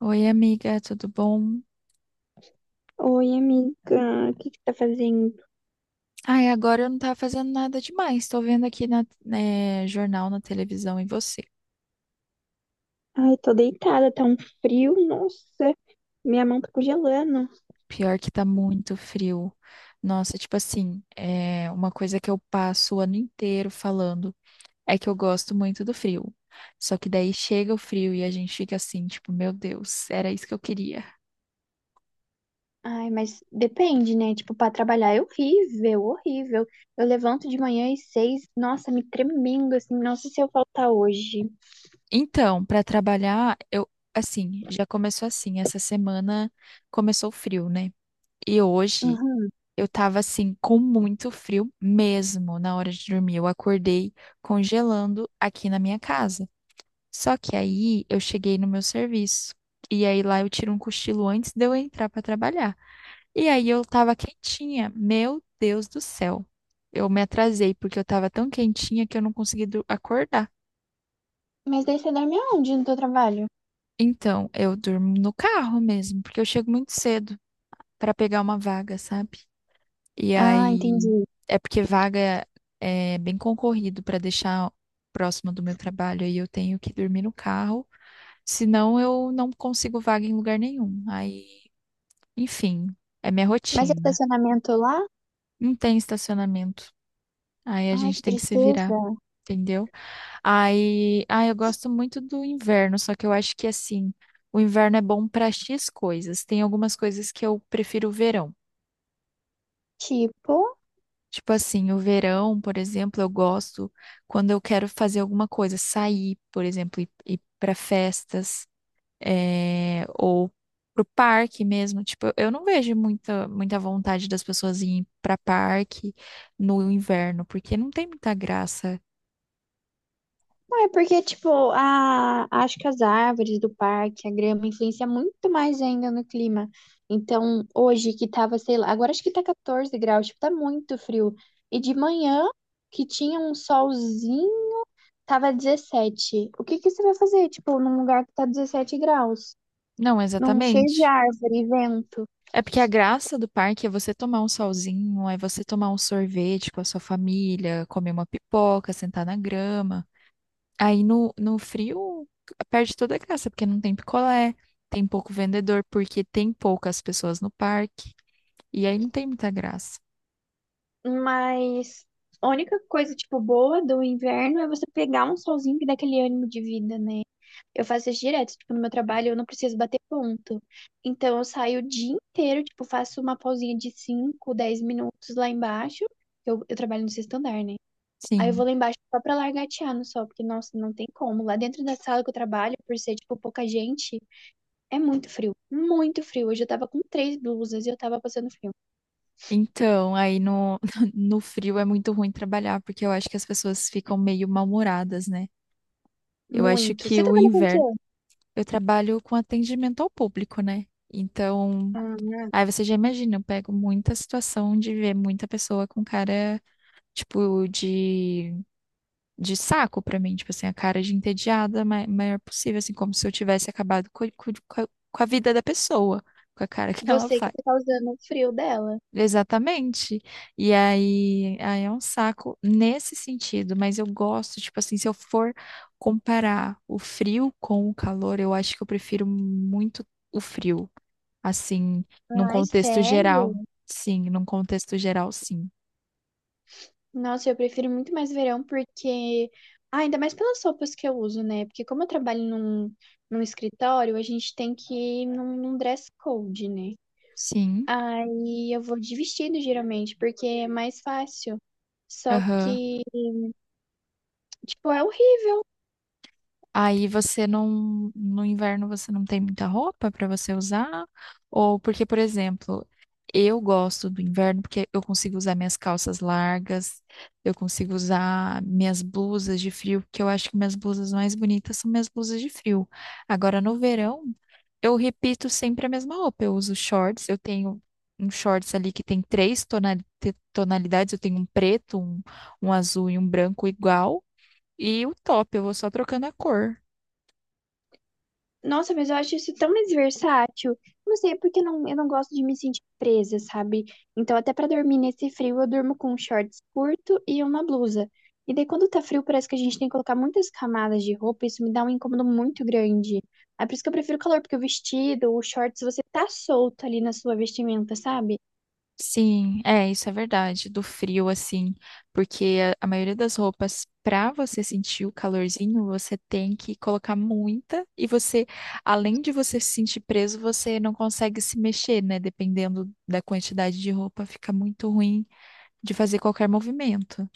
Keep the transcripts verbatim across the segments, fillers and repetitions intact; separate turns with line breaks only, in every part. Oi, amiga, tudo bom?
Oi, amiga, o que que tá fazendo?
Ai, agora eu não tava fazendo nada demais. Tô vendo aqui na, né, jornal, na televisão e você.
Ai, tô deitada, tá um frio, nossa, minha mão tá congelando.
Pior que tá muito frio. Nossa, tipo assim, é uma coisa que eu passo o ano inteiro falando é que eu gosto muito do frio. Só que daí chega o frio e a gente fica assim, tipo, meu Deus, era isso que eu queria.
Ai, mas depende, né? Tipo, pra trabalhar é horrível, horrível. Eu levanto de manhã às seis, nossa, me tremendo, assim, nossa, se eu faltar hoje.
Então, pra trabalhar, eu assim, já começou assim, essa semana começou o frio, né? E hoje
Uhum.
eu tava assim com muito frio mesmo na hora de dormir. Eu acordei congelando aqui na minha casa. Só que aí eu cheguei no meu serviço. E aí lá eu tiro um cochilo antes de eu entrar pra trabalhar. E aí eu tava quentinha. Meu Deus do céu. Eu me atrasei porque eu tava tão quentinha que eu não consegui dur- acordar.
Mas daí você dorme aonde no teu trabalho?
Então, eu durmo no carro mesmo, porque eu chego muito cedo pra pegar uma vaga, sabe? E
Ah,
aí,
entendi.
é porque vaga é bem concorrido para deixar próximo do meu trabalho, aí eu tenho que dormir no carro, senão eu não consigo vaga em lugar nenhum. Aí, enfim, é minha
Mas é
rotina.
estacionamento lá?
Não tem estacionamento. Aí a
Ai,
gente
que
tem que se virar,
tristeza.
entendeu? Aí, ah, eu gosto muito do inverno, só que eu acho que assim, o inverno é bom para X coisas. Tem algumas coisas que eu prefiro o verão.
Tipo?
Tipo assim, o verão, por exemplo, eu gosto quando eu quero fazer alguma coisa, sair, por exemplo, ir, ir para festas, eh, ou pro parque mesmo. Tipo, eu não vejo muita, muita vontade das pessoas irem para parque no inverno, porque não tem muita graça.
Não, é porque, tipo, a, acho que as árvores do parque, a grama, influencia muito mais ainda no clima. Então, hoje que tava, sei lá, agora acho que tá quatorze graus, tipo, tá muito frio. E de manhã, que tinha um solzinho, tava dezessete. O que que você vai fazer, tipo, num lugar que tá dezessete graus?
Não,
Num cheio de
exatamente.
árvore, vento.
É porque a graça do parque é você tomar um solzinho, é você tomar um sorvete com a sua família, comer uma pipoca, sentar na grama. Aí no, no frio perde toda a graça, porque não tem picolé, tem pouco vendedor, porque tem poucas pessoas no parque, e aí não tem muita graça.
Mas a única coisa, tipo, boa do inverno é você pegar um solzinho que dá aquele ânimo de vida, né? Eu faço isso direto, tipo, no meu trabalho eu não preciso bater ponto. Então eu saio o dia inteiro, tipo, faço uma pausinha de cinco dez minutos lá embaixo. Eu, eu trabalho no sexto andar, né? Aí eu vou
Sim.
lá embaixo só pra largatear no sol, porque, nossa, não tem como. Lá dentro da sala que eu trabalho, por ser, tipo, pouca gente, é muito frio. Muito frio. Hoje eu tava com três blusas e eu tava passando frio.
Então, aí no, no frio é muito ruim trabalhar, porque eu acho que as pessoas ficam meio mal-humoradas, né? Eu acho
Muito.
que
Você
o
trabalha com o
inverno,
quê?
eu trabalho com atendimento ao público, né? Então,
Ah.
aí você já imagina, eu pego muita situação de ver muita pessoa com cara, tipo, de de saco pra mim, tipo assim, a cara de entediada ma- maior possível, assim, como se eu tivesse acabado co- co- co- com, a vida da pessoa, com a cara que ela
Você que
faz.
tá causando o frio dela.
Exatamente. E aí, aí é um saco nesse sentido, mas eu gosto, tipo assim, se eu for comparar o frio com o calor, eu acho que eu prefiro muito o frio, assim, num
Ai,
contexto
sério?
geral. Sim, num contexto geral, sim.
Nossa, eu prefiro muito mais verão porque. Ah, ainda mais pelas roupas que eu uso, né? Porque como eu trabalho num, num escritório, a gente tem que ir num, num dress code, né?
Sim.
Aí eu vou de vestido geralmente, porque é mais fácil. Só
Aham.
que, tipo, é o
Aí você não, no inverno você não tem muita roupa para você usar? Ou porque, por exemplo, eu gosto do inverno porque eu consigo usar minhas calças largas, eu consigo usar minhas blusas de frio, porque eu acho que minhas blusas mais bonitas são minhas blusas de frio. Agora, no verão, eu repito sempre a mesma roupa. Eu uso shorts, eu tenho um shorts ali que tem três tonali- te- tonalidades, eu tenho um preto, um, um azul e um branco igual. E o top, eu vou só trocando a cor.
Nossa, mas eu acho isso tão mais versátil. Não sei, é porque eu não, eu não gosto de me sentir presa, sabe? Então, até pra dormir nesse frio, eu durmo com um shorts curto e uma blusa. E daí, quando tá frio, parece que a gente tem que colocar muitas camadas de roupa. Isso me dá um incômodo muito grande. É por isso que eu prefiro o calor, porque o vestido, o shorts, você tá solto ali na sua vestimenta, sabe?
Sim, é, isso é verdade, do frio, assim, porque a, a maioria das roupas, para você sentir o calorzinho, você tem que colocar muita e você, além de você se sentir preso, você não consegue se mexer, né? Dependendo da quantidade de roupa, fica muito ruim de fazer qualquer movimento.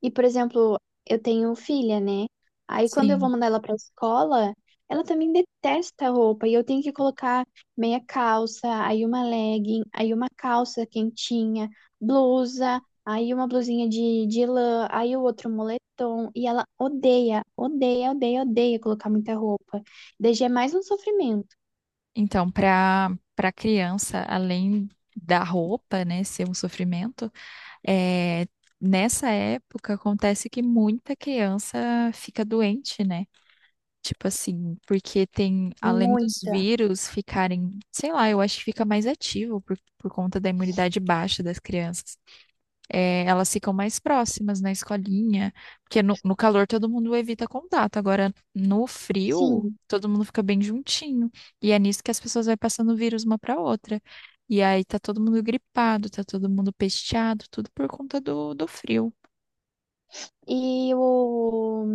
E, por exemplo, eu tenho filha, né? Aí quando eu vou
Sim.
mandar ela pra escola, ela também detesta a roupa e eu tenho que colocar meia calça, aí uma legging, aí uma calça quentinha, blusa, aí uma blusinha de, de lã, aí o outro moletom. E ela odeia, odeia, odeia, odeia colocar muita roupa. Daí já é mais um sofrimento.
Então, para para criança, além da roupa, né, ser um sofrimento, é, nessa época acontece que muita criança fica doente, né? Tipo assim, porque tem, além dos
Muita.
vírus ficarem, sei lá, eu acho que fica mais ativo por, por conta da imunidade baixa das crianças. É, elas ficam mais próximas na escolinha, porque no, no calor todo mundo evita contato, agora no frio
Sim.
todo mundo fica bem juntinho. E é nisso que as pessoas vão passando o vírus uma para outra. E aí tá todo mundo gripado, tá todo mundo pesteado, tudo por conta do, do frio.
E o,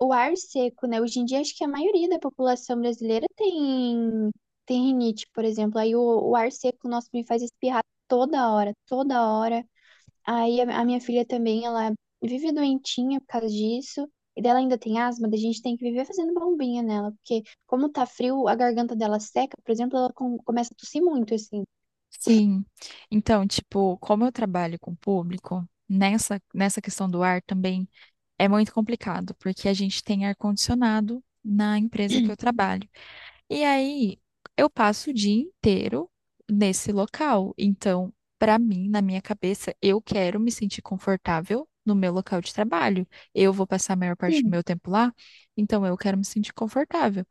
o ar seco, né? Hoje em dia, acho que a maioria da população brasileira tem, tem rinite, por exemplo. Aí o, o ar seco, nossa, me faz espirrar toda hora, toda hora. Aí a, a minha filha também, ela vive doentinha por causa disso. E dela ainda tem asma, da gente tem que viver fazendo bombinha nela, porque como tá frio, a garganta dela seca, por exemplo, ela com- começa a tossir muito, assim.
Sim. Então, tipo, como eu trabalho com público, nessa, nessa questão do ar também é muito complicado, porque a gente tem ar-condicionado na empresa que eu trabalho. E aí eu passo o dia inteiro nesse local. Então, para mim, na minha cabeça, eu quero me sentir confortável no meu local de trabalho. Eu vou passar a maior parte do
Sim.
meu tempo lá, então eu quero me sentir confortável.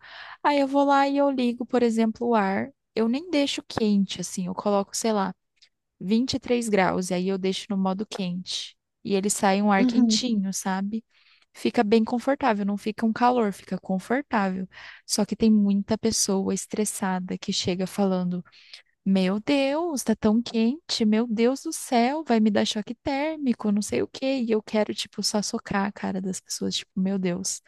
Aí eu vou lá e eu ligo, por exemplo, o ar. Eu nem deixo quente, assim, eu coloco, sei lá vinte e três graus, e aí eu deixo no modo quente. E ele sai um ar
Uhum.
quentinho, sabe? Fica bem confortável, não fica um calor, fica confortável. Só que tem muita pessoa estressada que chega falando: meu Deus, tá tão quente, meu Deus do céu, vai me dar choque térmico, não sei o quê. E eu quero, tipo, só socar a cara das pessoas, tipo, meu Deus,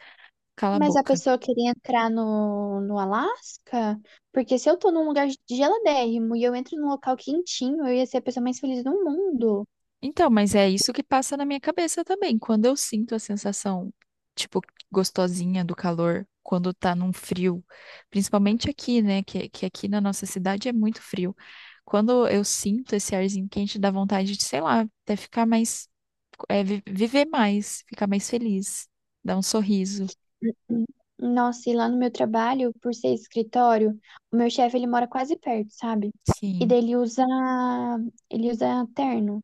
cala a
Mas a
boca.
pessoa queria entrar no, no Alasca? Porque se eu tô num lugar geladérrimo e eu entro num local quentinho, eu ia ser a pessoa mais feliz do mundo.
Então, mas é isso que passa na minha cabeça também. Quando eu sinto a sensação, tipo, gostosinha do calor, quando tá num frio, principalmente aqui, né? Que, que aqui na nossa cidade é muito frio. Quando eu sinto esse arzinho quente, dá vontade de, sei lá, até ficar mais, é, vi- viver mais, ficar mais feliz, dar um sorriso.
Nossa, e lá no meu trabalho, por ser escritório, o meu chefe, ele mora quase perto, sabe? E
Sim.
daí ele usa, ele usa terno.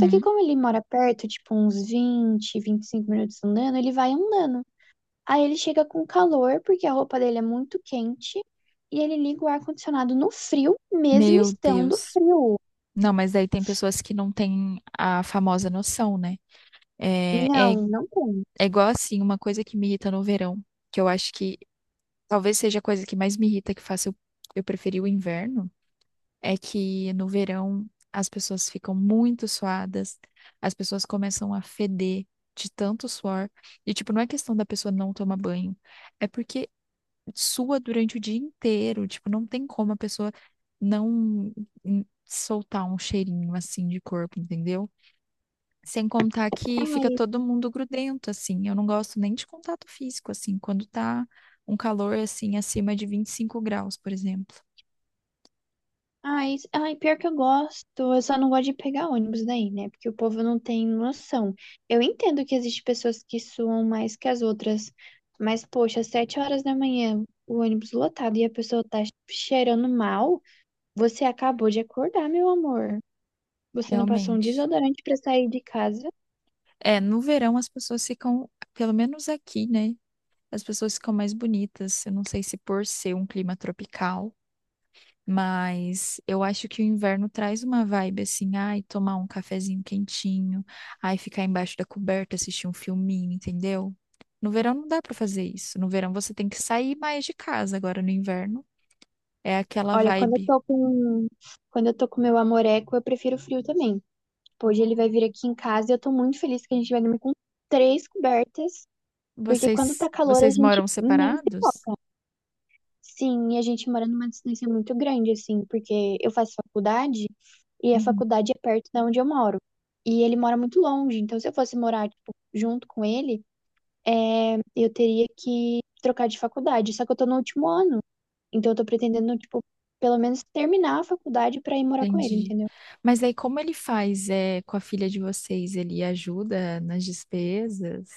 Só que como ele mora perto, tipo uns vinte vinte e cinco minutos andando, ele vai andando. Aí ele chega com calor, porque a roupa dele é muito quente, e ele liga o ar-condicionado no frio, mesmo
Meu
estando
Deus.
frio.
Não, mas daí tem pessoas que não têm a famosa noção, né? É, é
Não, não tem.
É igual assim, uma coisa que me irrita no verão, que eu acho que talvez seja a coisa que mais me irrita, que faça eu, eu preferir o inverno, é que no verão as pessoas ficam muito suadas, as pessoas começam a feder de tanto suor. E, tipo, não é questão da pessoa não tomar banho, é porque sua durante o dia inteiro. Tipo, não tem como a pessoa não hum, soltar um cheirinho assim de corpo, entendeu? Sem contar que fica
Ai,
todo mundo grudento, assim. Eu não gosto nem de contato físico, assim, quando tá um calor, assim, acima de vinte e cinco graus, por exemplo.
ai, ai, pior que eu gosto. Eu só não gosto de pegar ônibus daí, né? Porque o povo não tem noção. Eu entendo que existem pessoas que suam mais que as outras, mas, poxa, às sete horas da manhã, o ônibus lotado e a pessoa tá cheirando mal, você acabou de acordar, meu amor. Você não passou um
Realmente.
desodorante pra sair de casa.
É, no verão as pessoas ficam, pelo menos aqui, né? As pessoas ficam mais bonitas. Eu não sei se por ser um clima tropical. Mas eu acho que o inverno traz uma vibe assim, ai, tomar um cafezinho quentinho, ai, ficar embaixo da coberta, assistir um filminho, entendeu? No verão não dá pra fazer isso. No verão você tem que sair mais de casa. Agora no inverno é aquela
Olha, quando eu
vibe.
tô com, quando eu tô com meu amoreco, eu prefiro frio também. Tipo, hoje ele vai vir aqui em casa e eu tô muito feliz que a gente vai dormir com três cobertas, porque quando tá
Vocês,
calor a
vocês
gente
moram
nem se
separados?
toca. Sim, e a gente mora numa distância muito grande, assim, porque eu faço faculdade e a
Uhum,
faculdade é perto da onde eu moro. E ele mora muito longe, então se eu fosse morar, tipo, junto com ele, é, eu teria que trocar de faculdade. Só que eu tô no último ano. Então eu tô pretendendo, tipo, pelo menos terminar a faculdade pra ir morar com ele,
entendi.
entendeu?
Mas aí como ele faz é, com a filha de vocês? Ele ajuda nas despesas?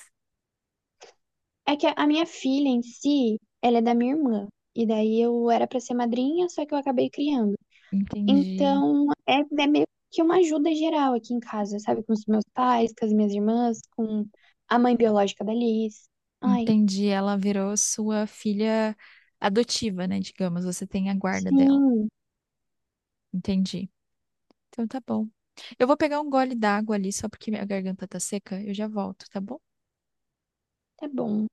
É que a a minha filha em si, ela é da minha irmã. E daí eu era pra ser madrinha, só que eu acabei criando.
Entendi.
Então é, é meio que uma ajuda geral aqui em casa, sabe? Com os meus pais, com as minhas irmãs, com a mãe biológica da Liz. Ai,
Entendi. Ela virou sua filha adotiva, né? Digamos, você tem a guarda dela.
sim,
Entendi. Então tá bom. Eu vou pegar um gole d'água ali, só porque minha garganta tá seca. Eu já volto, tá bom?
tá bom.